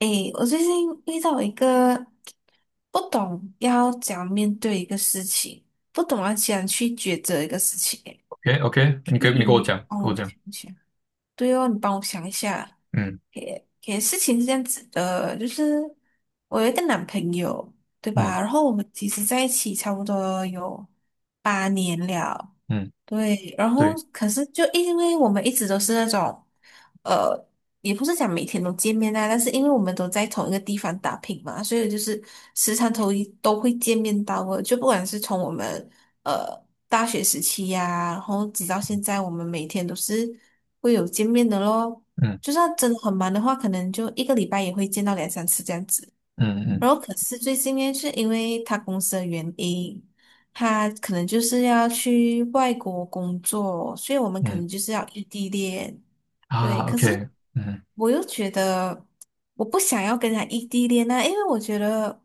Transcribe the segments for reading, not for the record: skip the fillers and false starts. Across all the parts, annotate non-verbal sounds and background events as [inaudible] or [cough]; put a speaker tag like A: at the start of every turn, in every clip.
A: 诶，我最近遇到一个不懂要怎样面对一个事情，不懂要怎样去抉择一个事情诶。
B: OK OK，
A: 你
B: 你跟我讲，
A: 帮
B: 跟我
A: 我
B: 讲，
A: 想一想，对哦，你帮我想一下。
B: 嗯
A: 诶，诶，事情是这样子的，就是我有一个男朋友，对
B: 嗯
A: 吧？然后我们其实在一起差不多有八年了。
B: 嗯，
A: 对，然后
B: 对，
A: 可是就因为我们一直都是那种，呃，也不是讲每天都见面啊，但是因为我们都在同一个地方打拼嘛，所以就是时常都会见面到的。就不管是从我们呃大学时期呀、然后直到现
B: 嗯
A: 在，我们每天都是会有见面的咯。
B: 嗯
A: 就算真的很忙的话，可能就一个礼拜也会见到两三次这样子。
B: 嗯嗯
A: 然后可是最近呢，是因为他公司的原因，他可能就是要去外国工作，所以我们可
B: 嗯，
A: 能就是要异地恋。对，
B: 啊
A: 可是
B: ，OK，嗯
A: 我又觉得我不想要跟他异地恋啊，因为我觉得，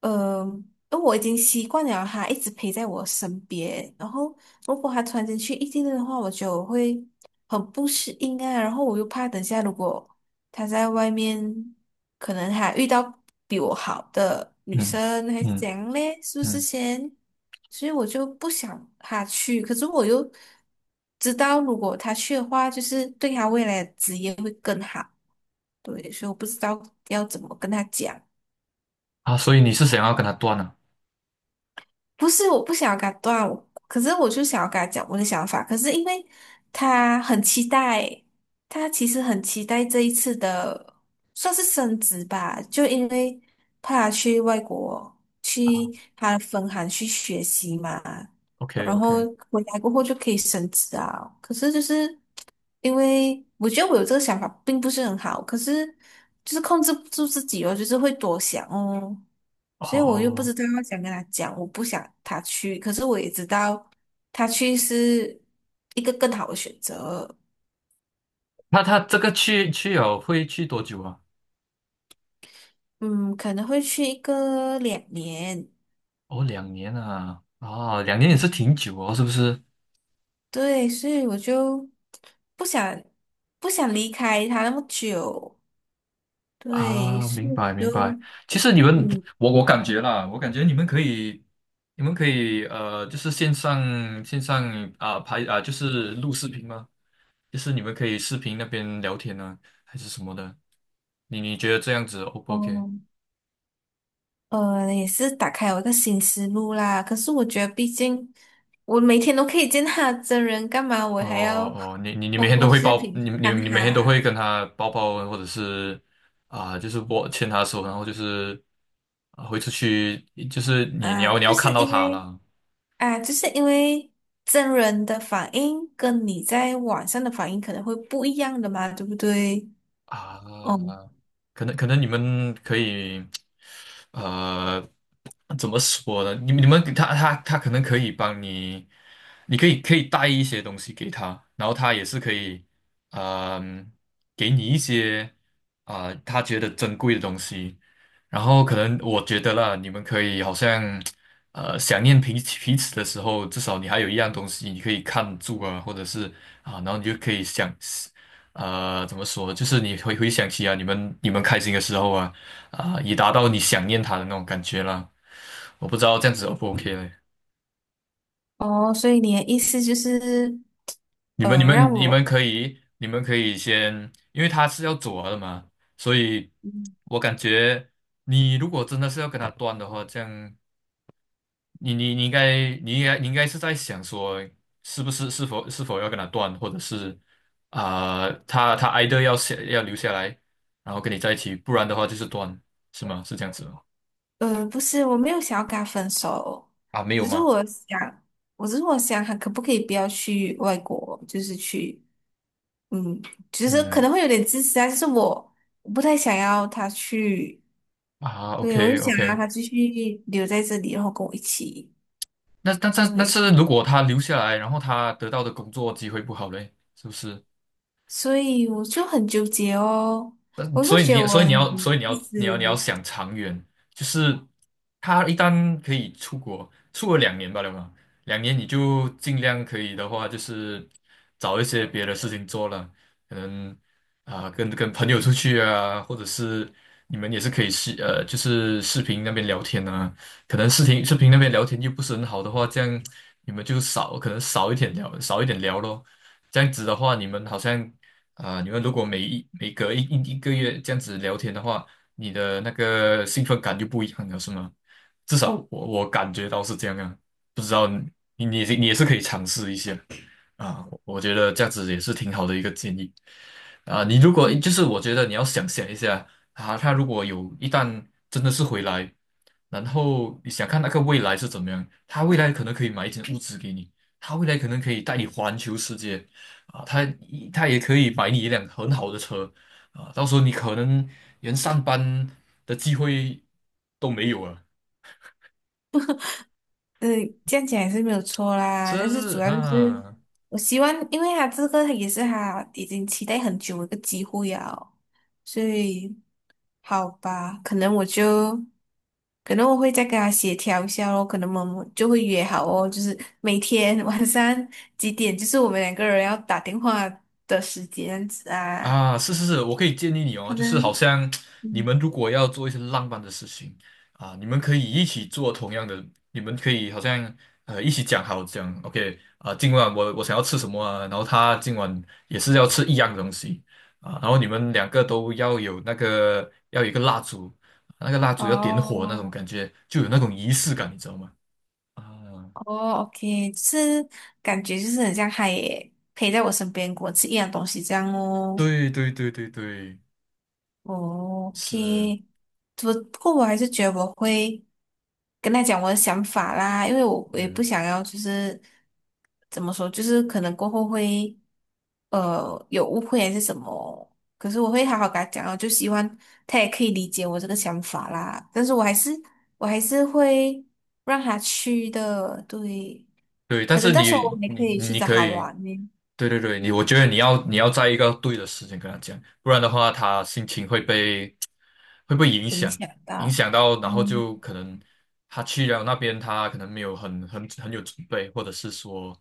A: 呃，因为我已经习惯了他一直陪在我身边，然后如果他突然间去异地恋的话，我觉得我会很不适应啊，然后我又怕等下如果他在外面可能还遇到比我好的女
B: 嗯
A: 生，还是
B: 嗯
A: 怎样嘞？是
B: 嗯
A: 不是
B: 嗯
A: 先？所以我就不想他去，可是我又知道，如果他去的话，就是对他未来的职业会更好。对，所以我不知道要怎么跟他讲。
B: 啊，所以你是想要跟他断了
A: 不是我不想要跟他断，可是我就想要跟他讲我的想法。可是因为他很期待，他其实很期待这一次的算是升职吧，就因为怕他去外国去他的分行去学习嘛，
B: ？OK
A: 然后
B: OK，
A: 回来过后就可以升职啊。可是就是因为我觉得我有这个想法并不是很好，可是就是控制不住自己哦，就是会多想哦。所以我又不
B: 哦，
A: 知道要想跟他讲，我不想他去，可是我也知道他去是一个更好的选择。
B: 那他这个去了会去多久啊？
A: 嗯，可能会去一个两年。
B: 哦，两年啊，啊，两年也是
A: 嗯，
B: 挺久哦，是不是？
A: 对，所以我就不想不想离开他那么久。对，
B: 啊，
A: 所
B: 明
A: 以我
B: 白明
A: 就
B: 白。其实你们，
A: 嗯
B: 我感觉啦，我感觉你们可以，你们可以就是线上啊、拍啊、就是录视频吗？就是你们可以视频那边聊天呢，还是什么的。你觉得这样子 O 不 OK？
A: 哦也是打开我个新思路啦。可是我觉得，毕竟我每天都可以见他真人，干嘛我
B: 哦
A: 还要
B: 哦，
A: 通过视
B: 你
A: 频
B: 你
A: 看
B: 你每天都
A: 他？
B: 会跟他抱抱，或者是啊、就是牵他的手，然后就是啊、会出去，就是你你
A: 啊，
B: 要你要看到他了。
A: 就是因为真人的反应跟你在网上的反应可能会不一样的嘛，对不对？哦
B: 啊，可能你们可以，呃，怎么说呢？你们给他可能可以帮你，你可以带一些东西给他，然后他也是可以，嗯、给你一些啊、他觉得珍贵的东西。然后可能我觉得啦，你们可以好像，想念彼此的时候，至少你还有一样东西你可以看住啊，或者是啊，然后你就可以想。怎么说？就是你回想起啊，你们开心的时候啊，啊、已达到你想念他的那种感觉了。我不知道这样子 O 不 OK 嘞？
A: 哦，所以你的意思就是，
B: 你们你
A: 让
B: 们你
A: 我，
B: 们可以先，因为他是要走了的嘛，所以
A: 嗯
B: 我感觉你如果真的是要跟他断的话，这样你应该是在想说，是不是是否是否要跟他断，或者是啊、他 e i 要下要留下来，然后跟你在一起，不然的话就是断，是吗？是这样子吗？
A: 不是，我没有想要跟他分手，
B: 啊，没有
A: 只是
B: 吗？
A: 我想，我只是我想，他可不可以不要去外国，就是去。嗯，就是可
B: 嗯
A: 能会有点自私啊，就是我不太想要他去。
B: 啊
A: 对，我就
B: ，OK
A: 想让
B: OK，
A: 他继续留在这里，然后跟我一起。
B: 那但但那
A: 对，
B: 是如果他留下来，然后他得到的工作机会不好嘞，是不是？
A: 所以我就很纠结哦，我会
B: 所以
A: 觉
B: 你，
A: 得我
B: 所以
A: 很
B: 你要，所以你要，
A: 自
B: 你要，你要
A: 私。
B: 想长远，就是他一旦可以出国，出国两年吧，对吧？两年你就尽量可以的话，就是找一些别的事情做了，可能啊、跟朋友出去啊，或者是你们也是可以就是视频那边聊天啊，可能视频那边聊天又不是很好的话，这样你们可能少一点聊，少一点聊咯。这样子的话，你们好像。啊，你们如果每隔一个月这样子聊天的话，你的那个兴奋感就不一样了，是吗？至少我感觉到是这样啊，不知道你也是可以尝试一下。啊，我觉得这样子也是挺好的一个建议啊。你如果
A: 嗯，
B: 就是我觉得你要想想一下啊，他如果一旦真的是回来，然后你想看那个未来是怎么样，他未来可能可以买一间物资给你，他未来可能可以带你环球世界啊，他也可以买你一辆很好的车啊，到时候你可能连上班的机会都没有了，
A: 呃这样讲也是没有错
B: 是
A: 啦。
B: 不
A: 但是主
B: 是
A: 要就是
B: 啊？
A: 我希望，因为他这个也是他已经期待很久的一个机会啊，所以好吧，可能我会再跟他协调一下咯，可能我们就会约好哦，就是每天 [laughs] 晚上几点，就是我们两个人要打电话的时间这样子啊，
B: 啊，是是是，我可以建议你哦，
A: 可
B: 就是好
A: 能。
B: 像你
A: 嗯。
B: 们如果要做一些浪漫的事情啊，你们可以一起做同样的，你们可以好像一起讲，OK 啊，今晚我想要吃什么啊，然后他今晚也是要吃一样的东西啊，然后你们两个都要有那个要有一个蜡烛，那个蜡烛要点火那种
A: 哦
B: 感觉，就有那种仪式感，你知道吗？啊，
A: 哦，OK，就是感觉就是很像他也陪在我身边，跟我吃一样东西这样哦。
B: 对对对对对，
A: 哦
B: 是，
A: OK，不过我还是觉得我会跟他讲我的想法啦，因为我我也不
B: 嗯。
A: 想要就是怎么说，就是可能过后会有误会还是什么，可是我会好好跟他讲哦，就希望他也可以理解我这个想法啦。但是我还是会让他去的。对，
B: 对，但
A: 可能
B: 是
A: 到时候我
B: 你
A: 们也
B: 你
A: 可以去
B: 你
A: 找
B: 可
A: 他
B: 以，
A: 玩呢，
B: 对对对，我觉得你要在一个对的时间跟他讲，不然的话他心情会被影
A: 影
B: 响，
A: 响
B: 影
A: 到，
B: 响到，然后
A: 哦
B: 就可能他去了那边，他可能没有很有准备，或者是说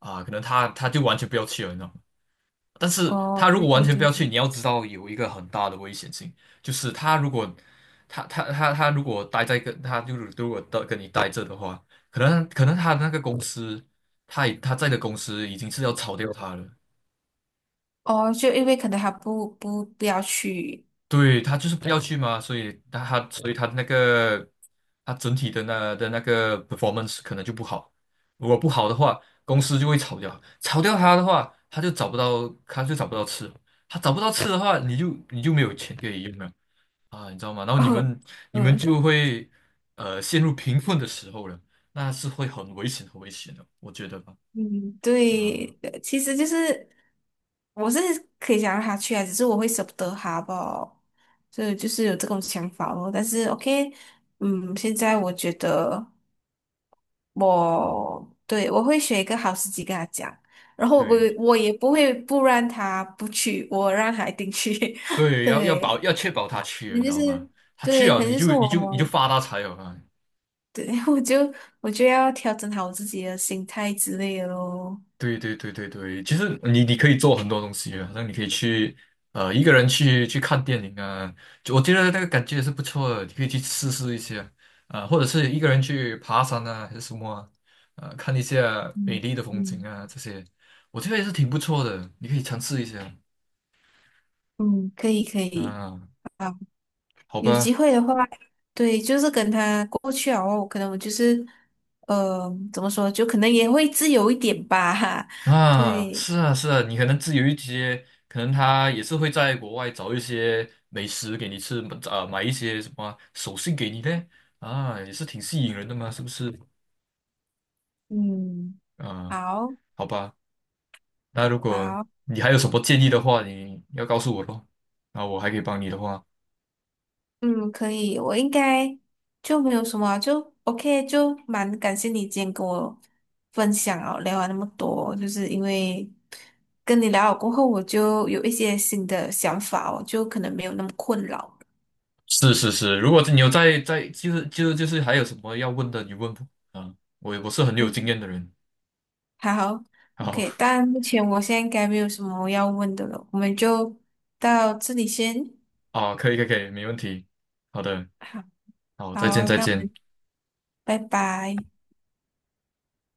B: 啊、可能他就完全不要去了，你知道吗？但是
A: 哦，
B: 他如
A: 对
B: 果完
A: 对
B: 全不
A: 对。
B: 要去，你要知道有一个很大的危险性，就是他如果他他他他如果待在跟他就是如果到跟你待着的话，可能他那个公司，他在的公司已经是要炒掉他了，
A: 哦，就因为可能他不要去。
B: 对他就是不要去嘛，所以他整体的那个 performance 可能就不好，如果不好的话，公司就会炒掉，炒掉他的话，他就找不到吃。他找不到吃的话，你就没有钱可以用了。啊，你知道吗？然后你
A: [laughs]
B: 们你们
A: 嗯
B: 就会陷入贫困的时候了，那是会很危险很危险的，我觉得吧。
A: 嗯，
B: 啊、
A: 对，其实就是我是可以想让他去啊，只是我会舍不得他吧，所以就是有这种想法咯。但是 OK。嗯，现在我觉得我会选一个好时机跟他讲，然后我不
B: 对
A: 我也不会不让他不去，我让他一定去。[laughs]
B: 对，
A: 对，
B: 要确保他去，
A: 可
B: 你
A: 能
B: 知
A: 就
B: 道吗？
A: 是
B: 他去
A: 对，可
B: 了，
A: 能就是
B: 你就
A: 我。
B: 发大财了啊！
A: 对，[laughs] 我就要调整好我自己的心态之类的咯。
B: 对对对对对，其实你可以做很多东西啊，好像你可以去一个人去看电影啊，就我觉得那个感觉也是不错的，你可以去试试一下啊、或者是一个人去爬山啊，还是什么啊，看一下美
A: 嗯
B: 丽的风景
A: 嗯
B: 啊这些，我觉得也是挺不错的，你可以尝试一下
A: 嗯，可以可以，
B: 啊，
A: 好，
B: 好
A: 有机
B: 吧。
A: 会的话，对，就是跟他过去哦，可能我就是，怎么说，就可能也会自由一点吧，[laughs] 哈，
B: 啊，
A: 对，
B: 是啊，是啊，你可能自由一些，可能他也是会在国外找一些美食给你吃，啊、买一些什么手信给你呢？啊，也是挺吸引人的嘛，是不是？
A: 嗯，
B: 啊，
A: 好，
B: 好吧，那如果
A: 好。
B: 你还有什么建议的话，你要告诉我咯，那我还可以帮你的话，
A: 嗯，可以，我应该就没有什么啊就 OK，就蛮感谢你今天跟我分享哦，聊完那么多，就是因为跟你聊了过后，我就有一些新的想法哦，就可能没有那么困扰了。
B: 是是是，如果你有在，就是还有什么要问的，你问我啊，我是很有经
A: 嗯，
B: 验的人，
A: 好
B: 好
A: ，OK，
B: [laughs]
A: 但目前我现在应该没有什么要问的了，我们就到这里先。
B: 啊，可以可以可以，没问题，好的，
A: 好，
B: 好，再见
A: 好哦，
B: 再
A: 那我
B: 见。
A: 们拜拜。